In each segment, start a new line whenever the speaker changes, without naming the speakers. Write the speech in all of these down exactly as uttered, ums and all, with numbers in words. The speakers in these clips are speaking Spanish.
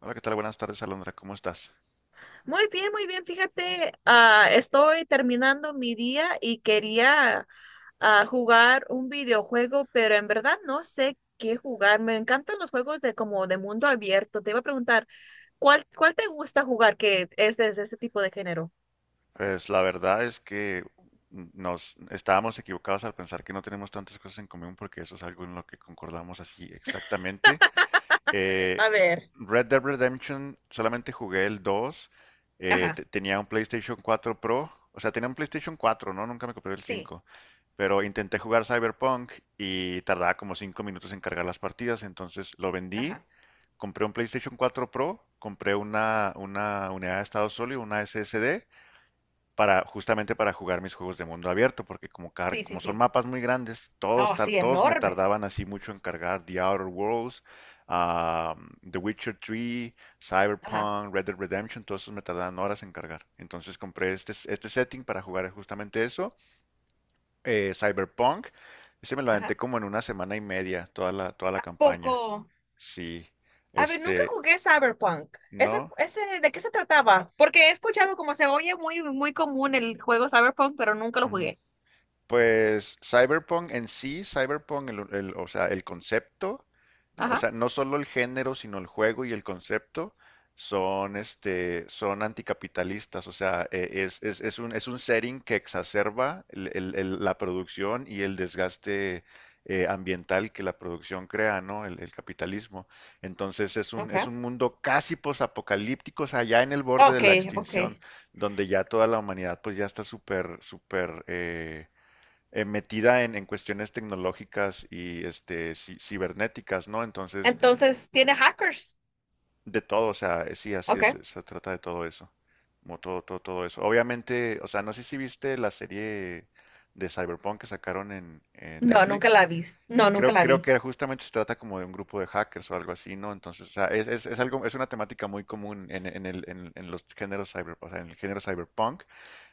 Hola, ¿qué tal? Buenas tardes, Alondra. ¿Cómo estás?
Muy bien, muy bien. Fíjate, ah, estoy terminando mi día y quería ah, jugar un videojuego, pero en verdad no sé qué jugar. Me encantan los juegos de como de mundo abierto. Te iba a preguntar, ¿cuál, cuál te gusta jugar que es de ese tipo de género?
Pues la verdad es que nos estábamos equivocados al pensar que no tenemos tantas cosas en común porque eso es algo en lo que concordamos así exactamente. Eh,
A ver,
Red Dead Redemption solamente jugué el dos. Eh,
ajá,
te- tenía un PlayStation cuatro Pro. O sea, tenía un PlayStation cuatro, ¿no? Nunca me compré el
sí,
cinco. Pero intenté jugar Cyberpunk y tardaba como cinco minutos en cargar las partidas. Entonces lo vendí,
ajá,
compré un PlayStation cuatro Pro, compré una, una unidad de estado sólido, una S S D, para, justamente para jugar mis juegos de mundo abierto, porque como, car-
sí, sí,
como son
sí.
mapas muy grandes, todos,
Oh,
tar-
sí,
todos me
enormes.
tardaban así mucho en cargar The Outer Worlds, ah, The Witcher tres,
Ajá,
Cyberpunk, Red Dead Redemption, todos esos me tardaban horas en cargar. Entonces compré este, este setting para jugar justamente eso, eh, Cyberpunk. Ese me lo aventé
ajá.
como en una semana y media, toda la, toda la
¿A
campaña.
poco?
Sí,
A ver, nunca
este,
jugué Cyberpunk. ¿Ese,
no.
ese, de qué se trataba? Porque he escuchado como se oye muy, muy común el juego Cyberpunk, pero nunca lo
Ujú.
jugué.
Pues Cyberpunk en sí, Cyberpunk, el, el- o sea, el concepto. O
Ajá.
sea, no solo el género, sino el juego y el concepto son, este, son anticapitalistas. O sea, e- es, es- es un, es un setting que exacerba el- el- el- la producción y el desgaste eh, ambiental que la producción crea, ¿no? El, el capitalismo. Entonces es un, es
Okay.
un mundo casi posapocalíptico, o sea, ya en el borde de la
Okay,
extinción,
okay.
donde ya toda la humanidad pues ya está súper, súper, eh, eh, metida en, en cuestiones tecnológicas y este, ci- cibernéticas, ¿no? Entonces,
Entonces, ¿tiene hackers?
de todo, o sea, eh, sí, así es,
Okay.
se trata de todo eso, como todo, todo, todo eso. Obviamente, o sea, no sé si viste la serie de Cyberpunk que sacaron en, en
No, nunca
Netflix.
la vi. No, nunca
Creo,
la
creo
vi.
que justamente se trata como de un grupo de hackers o algo así, ¿no? Entonces, o sea, es, es, es algo, es una temática muy común en, en el, en, en los géneros cyber, o sea, en el género cyberpunk.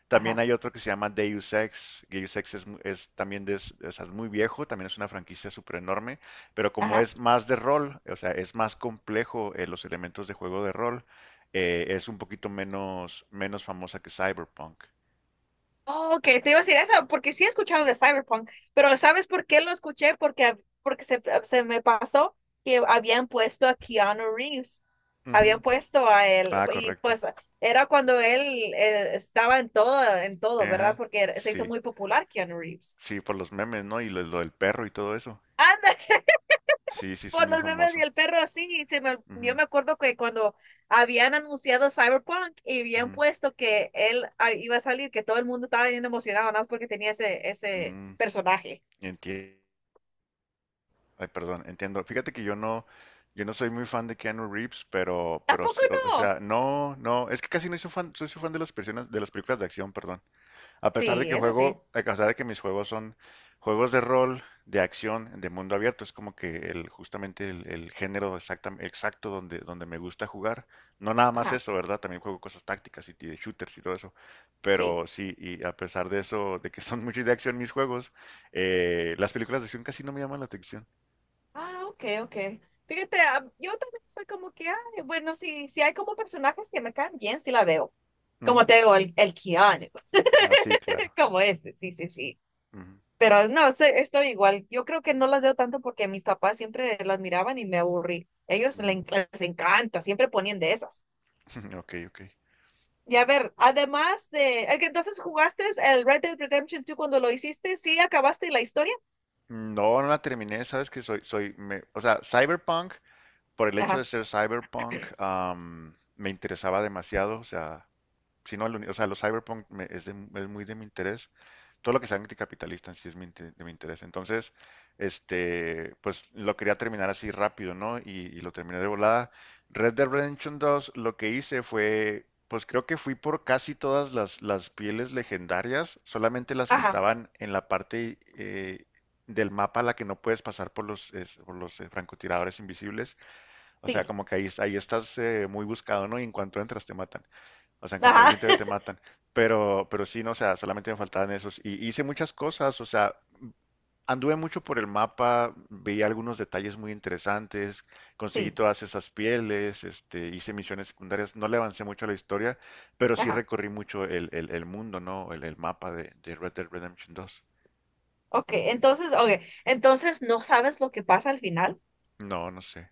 También
Ajá.
hay otro que se llama Deus Ex. Deus Ex es, es también de, es es muy viejo, también es una franquicia súper enorme, pero como
Ajá.
es más de rol, o sea, es más complejo. Eh, los elementos de juego de rol, eh, es un poquito menos, menos famosa que Cyberpunk.
Oh, ok, te iba a decir eso, porque sí he escuchado de Cyberpunk, pero ¿sabes por qué lo escuché? Porque, hab- porque se, se me pasó que habían puesto a Keanu Reeves,
Ujú.
habían puesto a él,
Ah,
y
correcto.
pues era cuando él eh, estaba en todo, en todo, ¿verdad?
Ajá.
Porque era- se hizo
Sí,
muy popular Keanu Reeves.
sí, por los memes, ¿no? Y lo, lo del perro y todo eso.
Anda,
Sí, sí, es
por
muy
los memes y
famoso.
el perro, sí, se me, yo
Ujú,
me acuerdo que cuando habían anunciado Cyberpunk y habían
ujú.
puesto que él ah, iba a salir, que todo el mundo estaba bien emocionado, nada más porque tenía ese, ese
Mm,
personaje.
Ay, perdón, entiendo. Fíjate que yo no, yo no soy muy fan de Keanu Reeves, pero,
¿A
pero
poco
sí, o o
no?
sea, no, no, es que casi no soy fan, soy su fan de las personas, de las películas de acción, perdón. A pesar de
Sí,
que
eso sí.
juego, a pesar de que mis juegos son juegos de rol, de acción, de mundo abierto, es como que el, justamente el, el género exacta- exacto donde, donde me gusta jugar. No nada más
Ajá,
eso, ¿verdad? También juego cosas tácticas y, y de shooters y todo eso.
sí.
Pero sí, y a pesar de eso, de que son muchos de acción mis juegos, eh, las películas de acción casi no me llaman la atención.
Ah, ok, ok. Fíjate, ah, yo también estoy como que, ay, bueno, sí, sí hay como personajes que me caen bien, sí la veo. Como
Ujú.
te digo, el, el Keanu,
Ah, sí, claro.
como ese, sí, sí, sí.
Ujú,
Pero no, se- estoy igual. Yo creo que no las veo tanto porque mis papás siempre las miraban y me aburrí. Ellos le
ujú.
en- les encanta, siempre ponían de esas.
Ok, ok.
Y a ver, además de, eh, entonces jugaste el Red Dead Redemption dos cuando lo hiciste, ¿sí acabaste la historia?
Mm, no, no la terminé, sabes que soy, soy, me- o sea, Cyberpunk, por el hecho
Ajá,
de ser Cyberpunk, am, me interesaba demasiado, o sea, si no, el uni- o sea, los Cyberpunk me- es, de- es muy de mi interés, todo lo que sea anticapitalista en sí es mi, inte- de mi interés. Entonces, este, pues lo quería terminar así rápido, ¿no? Y, y lo terminé de volada. Red Dead Redemption dos, lo que hice fue, pues creo que fui por casi todas las, las pieles legendarias, solamente las que
ajá,
estaban en la parte eh, del mapa a la que no puedes pasar por los, es- por los eh, francotiradores invisibles. O sea,
sí.
como que ahí, ahí estás eh, muy buscado, ¿no? Y en cuanto entras te matan. O sea, en cuanto
Ajá.
alguien te ve te matan. Pero, pero sí, no, o sea, solamente me faltaban esos. Y hice muchas cosas, o sea, anduve mucho por el mapa, veía algunos detalles muy interesantes, conseguí
Sí,
todas esas pieles, este, hice misiones secundarias. No le avancé mucho a la historia, pero sí
ajá.
recorrí mucho el, el, el mundo, ¿no? El, el mapa de, de Red Dead Redemption dos.
Ok, entonces, ok, entonces no sabes lo que pasa al final.
No, no sé.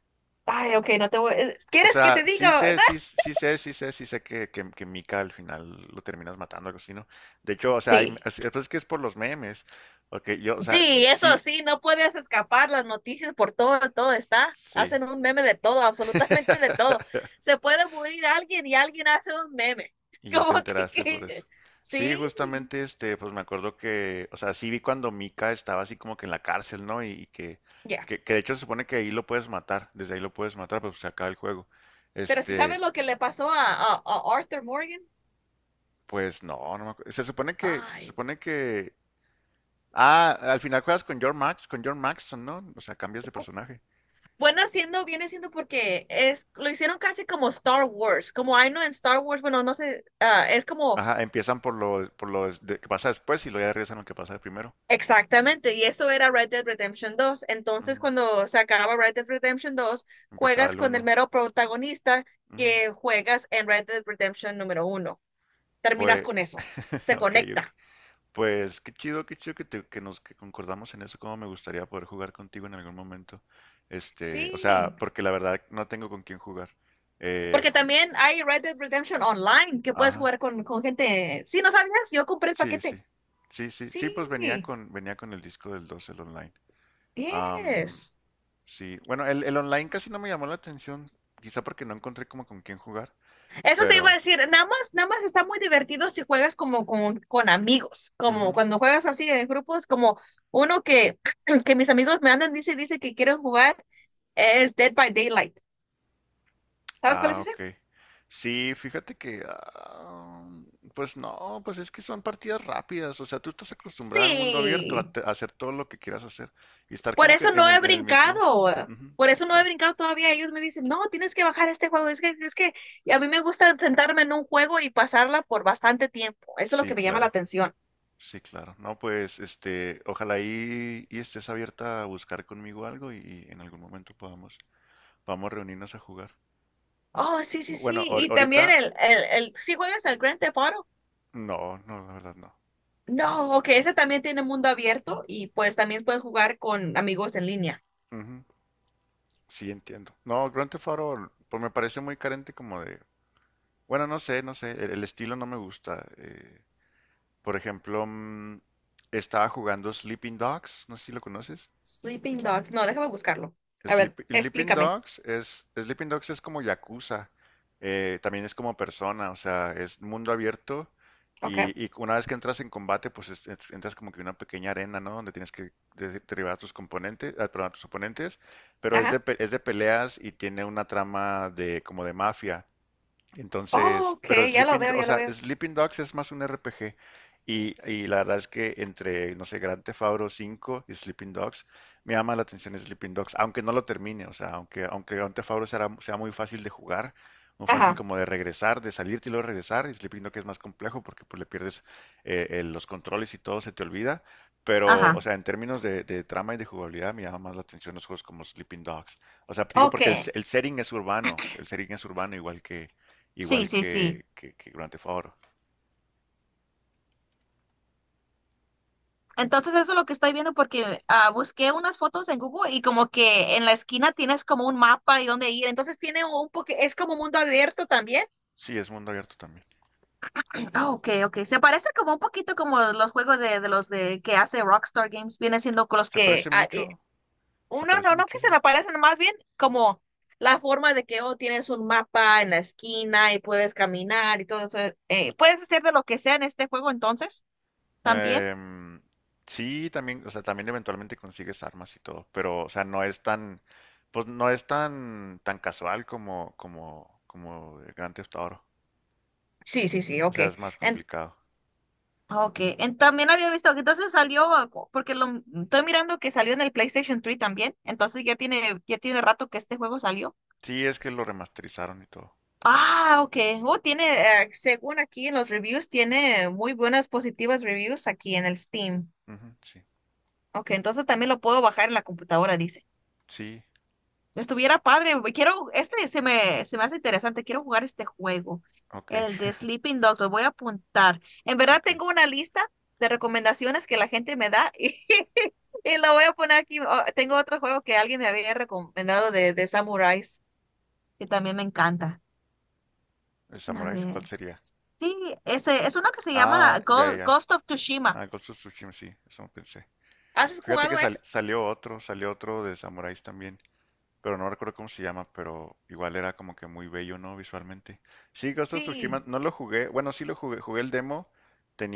Ay, ok, no te voy. eh,
O
¿Quieres que
sea,
te
sí
diga?
sé, sí, sí sé, sí sé, sí sé que, que, que Mika al final lo terminas matando, algo así, ¿no? De hecho, o sea, hay,
Sí,
es, pues es que es por los memes. Porque yo, o sea,
sí, eso
sí,
sí, no puedes escapar las noticias por todo, todo está.
sí.
Hacen un meme de todo, absolutamente de todo. Se puede morir alguien y alguien hace un meme.
Y ya
Como
te
que,
enteraste por eso.
que- sí,
Sí, justamente, este, pues me acuerdo que, o sea, sí vi cuando Mika estaba así como que en la cárcel, ¿no? Y, y que,
ya.
que, que de hecho se supone que ahí lo puedes matar, desde ahí lo puedes matar, pero pues se acaba el juego.
Pero si sabes
Este,
lo que le pasó a, a, a Arthur Morgan,
pues no, no me acuerdo. Se supone que, se
ay,
supone que ah, al final juegas con John Max, con John Maxson, ¿no? O sea, cambias de personaje.
bueno, haciendo, viene siendo porque es, lo hicieron casi como Star Wars, como I know en Star Wars, bueno, no sé, ah, es como
Ajá, empiezan por lo, por lo des- de- que pasa después y luego ya regresan a lo que pasa primero.
exactamente, y eso era Red Dead Redemption dos. Entonces,
Ujú.
cuando se acaba Red Dead Redemption dos
Empezaba
juegas
el
con el
uno.
mero protagonista que juegas en Red Dead Redemption número uno. Terminas
Pues,
con eso, se
ok, ok.
conecta.
Pues qué chido, qué chido que, te- que nos que concordamos en eso. Cómo me gustaría poder jugar contigo en algún momento. Este, o
Sí,
sea, porque la verdad no tengo con quién jugar. Eh,
porque
ju-
también hay Red Dead Redemption Online que puedes
ajá,
jugar con, con gente. Sí, ¿no sabías? Yo compré el
sí,
paquete.
sí. Sí, sí, sí, pues venía
Sí,
con, venía con el disco del dos, el online.
yes.
Sí, bueno, el, el online casi no me llamó la atención, quizá porque no encontré como con quién jugar,
Eso te iba a
pero
decir, nada más, nada más está muy divertido si juegas como con, con amigos, como
ujú.
cuando juegas así en grupos, como uno que, que mis amigos me andan, dice, dice que quieren jugar, es Dead by Daylight. ¿Sabes cuál es
Ah,
ese?
ok. Sí, fíjate que ah, pues no, pues es que son partidas rápidas, o sea, tú estás acostumbrado al mundo abierto a,
Sí,
te- a hacer todo lo que quieras hacer y estar
por
como que
eso
en
no he
el, en el mismo.
brincado,
Ujú,
por
sí,
eso no he
claro.
brincado todavía. Ellos me dicen, no, tienes que bajar este juego, es que, es que y a mí me gusta sentarme en un juego y pasarla por bastante tiempo, eso es lo
Sí,
que me llama la
claro,
atención.
sí, claro. No, pues, este, ojalá y, y estés abierta a buscar conmigo algo y, y en algún momento podamos, podamos reunirnos a jugar.
Oh, sí, sí,
Bueno,
sí,
ahor-
y también
ahorita,
el, el, el, ¿sí juegas al Grand Theft Auto?
No, no, la verdad no.
No, ok, ese también tiene mundo abierto y pues también puedes jugar con amigos en línea.
Ujú, sí, entiendo. No, Grand Theft Auto, pues me parece muy carente como de. Bueno, no sé, no sé, el, el estilo no me gusta. Eh, por ejemplo, mm, estaba jugando Sleeping Dogs, no sé si lo conoces.
Sleeping Dogs. No, déjame buscarlo. A ver,
Sleep- Sleeping
explícame.
Dogs es, Sleeping Dogs es como Yakuza, eh, también es como persona, o sea, es mundo abierto
Ok.
y, y una vez que entras en combate, pues es- es- entras como que en una pequeña arena, ¿no? Donde tienes que de- derribar a tus componentes, ah, perdón, a tus oponentes, pero es de,
Ajá.
pe- es de peleas y tiene una trama de como de mafia.
Oh,
Entonces,
ok,
pero
ya lo
Sleeping,
veo,
o
ya lo
sea,
veo.
Sleeping Dogs es más un R P G. Y, y la verdad es que entre, no sé, Grand Theft Auto cinco y Sleeping Dogs, me llama la atención Sleeping Dogs, aunque no lo termine, o sea, aunque, aunque Grand Theft Auto sea, sea muy fácil de jugar, muy fácil
Ajá.
como de regresar, de salirte y luego regresar, y Sleeping Dogs es más complejo porque pues le pierdes eh, eh, los controles y todo se te olvida, pero, o
Ajá.
sea, en términos de, de trama y de jugabilidad me llama más la atención los juegos como Sleeping Dogs. O sea, digo
Ok.
porque el, el setting es urbano, el setting es urbano igual que,
Sí,
igual
sí, sí.
que, que, que Grand Theft Auto.
Entonces eso es lo que estoy viendo porque ah, busqué unas fotos en Google y como que en la esquina tienes como un mapa y dónde ir. Entonces tiene un poquito, es como mundo abierto también.
Sí, es mundo abierto también.
Ah, ok, ok. Se parece como un poquito como los juegos de, de los de que hace Rockstar Games. Viene siendo con los
Se
que
parece
ah, eh,
mucho, se
uno
parece
no, no que se
muchísimo.
me parecen más bien como la forma de que oh, tienes un mapa en la esquina y puedes caminar y todo eso. Eh, puedes hacer de lo que sea en este juego entonces también.
Em, sí, también, o sea, también eventualmente consigues armas y todo, pero, o sea, no es tan, pues no es tan, tan casual como, como, como el Grand Theft Auto.
Sí, sí, sí,
O
ok.
sea, es más
En-
complicado.
Ok,
Ujú.
en- también había visto que entonces salió, algo- porque lo estoy mirando que salió en el PlayStation tres también, entonces ya tiene, ya tiene rato que este juego salió.
Sí, es que lo remasterizaron y todo.
Ah, ok, oh, tiene, eh, según aquí en los reviews, tiene muy buenas positivas reviews aquí en el Steam.
Ujú, sí,
Ok, entonces también lo puedo bajar en la computadora, dice.
sí,
Estuviera padre, güey. Quiero, este se me, se me hace interesante. Quiero jugar este juego,
ok,
el de Sleeping Dogs. Lo voy a apuntar. En verdad
ok.
tengo una lista de recomendaciones que la gente me da y, y lo voy a poner aquí. Oh, tengo otro juego que alguien me había recomendado de, de Samurais, que también me encanta.
¿El
A
Samuráis? ¿Cuál
ver.
sería?
Sí, ese es uno que se llama
Ah, ya, ya.
Go-
ya.
Ghost of Tsushima.
Ah, Ghost of Tsushima, sí, eso pensé.
¿Has
Fíjate que
jugado ese?
sal- salió otro, salió otro de samuráis también, pero no recuerdo cómo se llama, pero igual era como que muy bello, ¿no? Visualmente. Sí, Ghost of Tsushima,
Sí.
no lo jugué, bueno, sí lo jugué, jugué el demo,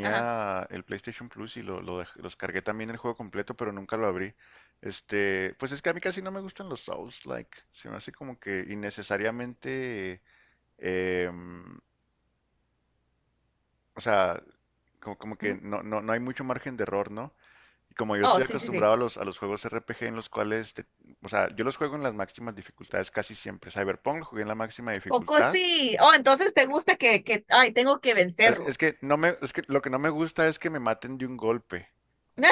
Ajá.
el PlayStation Plus y lo, lo dej- los cargué también el juego completo, pero nunca lo abrí. Este, pues es que a mí casi no me gustan los Souls-like, se me hace como que innecesariamente, em, o sea, como, como que
Ujú.
no, no, no hay mucho margen de error, ¿no? Y como yo
Oh,
estoy
sí, sí, sí.
acostumbrado a los, a los juegos R P G en los cuales, te- o sea, yo los juego en las máximas dificultades casi siempre. Cyberpunk lo jugué en la máxima
Poco
dificultad.
sí. Oh, entonces te gusta que, que, ay, tengo que
Es,
vencerlo.
es que no me, es que lo que no me gusta es que me maten de un golpe.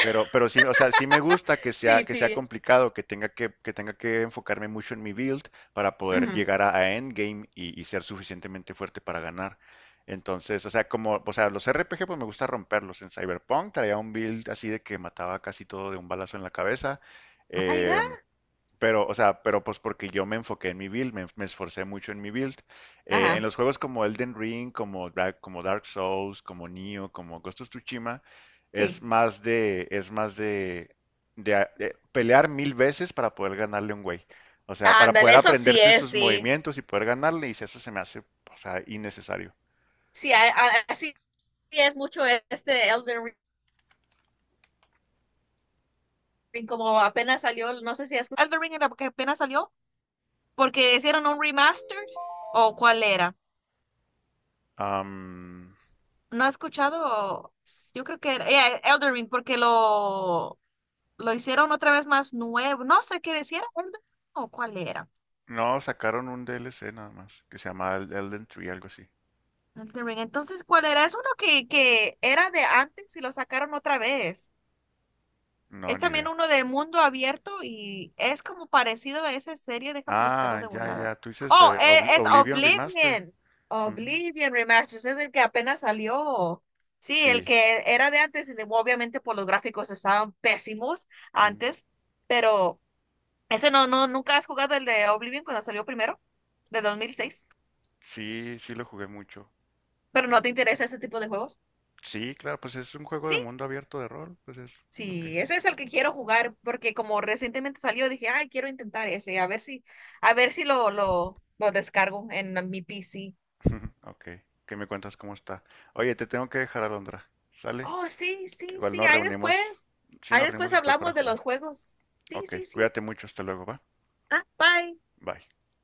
Pero, pero sí, o sea, sí me gusta que sea,
Sí,
que sea
sí.
complicado, que tenga que, que tenga que enfocarme mucho en mi build para poder
Ujú.
llegar a, a endgame y, y ser suficientemente fuerte para ganar. Entonces, o sea, como, o sea, los R P G pues me gusta romperlos. En Cyberpunk traía un build así de que mataba casi todo de un balazo en la cabeza.
Aira.
eh, pero, o sea, pero pues porque yo me enfoqué en mi build, me, me esforcé mucho en mi build. Eh, en
Ajá,
los juegos como Elden Ring, como, Dra- como Dark Souls, como Nioh, como Ghost of Tsushima, es
sí.
más de, es más de, de a- de pelear mil veces para poder ganarle a un güey. O sea, para
Ándale,
poder
eso sí
aprenderte
es,
sus
sí.
movimientos y poder ganarle, y si eso se me hace, o sea, innecesario.
Sí, a- a- así es mucho este Elden Ring, como apenas salió, no sé si es Elden Ring era que apenas salió, porque hicieron un remaster, o cuál era.
Am,
No he escuchado, yo creo que era yeah, Elden Ring, porque lo, lo hicieron otra vez más nuevo, no sé qué decía, Elden Ring, o cuál era.
no, sacaron un D L C nada más, que se llama El- Elden Tree, algo así.
Elden Ring, entonces, ¿cuál era? Es uno que, que era de antes y lo sacaron otra vez.
No,
Es
ni
también
idea.
uno de mundo abierto y es como parecido a esa serie. Déjame buscarlo
Ah,
de
ya,
volada.
ya. Tú dices
Oh,
eh, Obli-
e- es
Oblivion Remaster.
Oblivion.
Ujú.
Oblivion Remasters es el que apenas salió. Sí, el
Sí,
que era de antes y de- obviamente por los gráficos estaban pésimos
ujú.
antes, pero ese no, no, nunca has jugado el de Oblivion cuando salió primero, de dos mil seis,
Sí, sí lo jugué mucho.
pero no te interesa ese tipo de juegos.
Sí, claro, pues es un juego de
Sí.
mundo abierto de rol, pues es lo que.
Sí, ese es el que quiero jugar porque como recientemente salió dije, ay, quiero intentar ese, a ver si, a ver si lo, lo, lo descargo en mi P C.
Ok, que me cuentas cómo está. Oye, te tengo que dejar, Alondra. ¿Sale?
Oh, sí, sí,
Igual
sí,
nos
ahí
reunimos.
después,
Sí,
ahí
nos reunimos
después
después para
hablamos de los
jugar.
juegos. Sí,
Ok,
sí, sí.
cuídate mucho, hasta luego, ¿va?
Ah, bye.
Bye.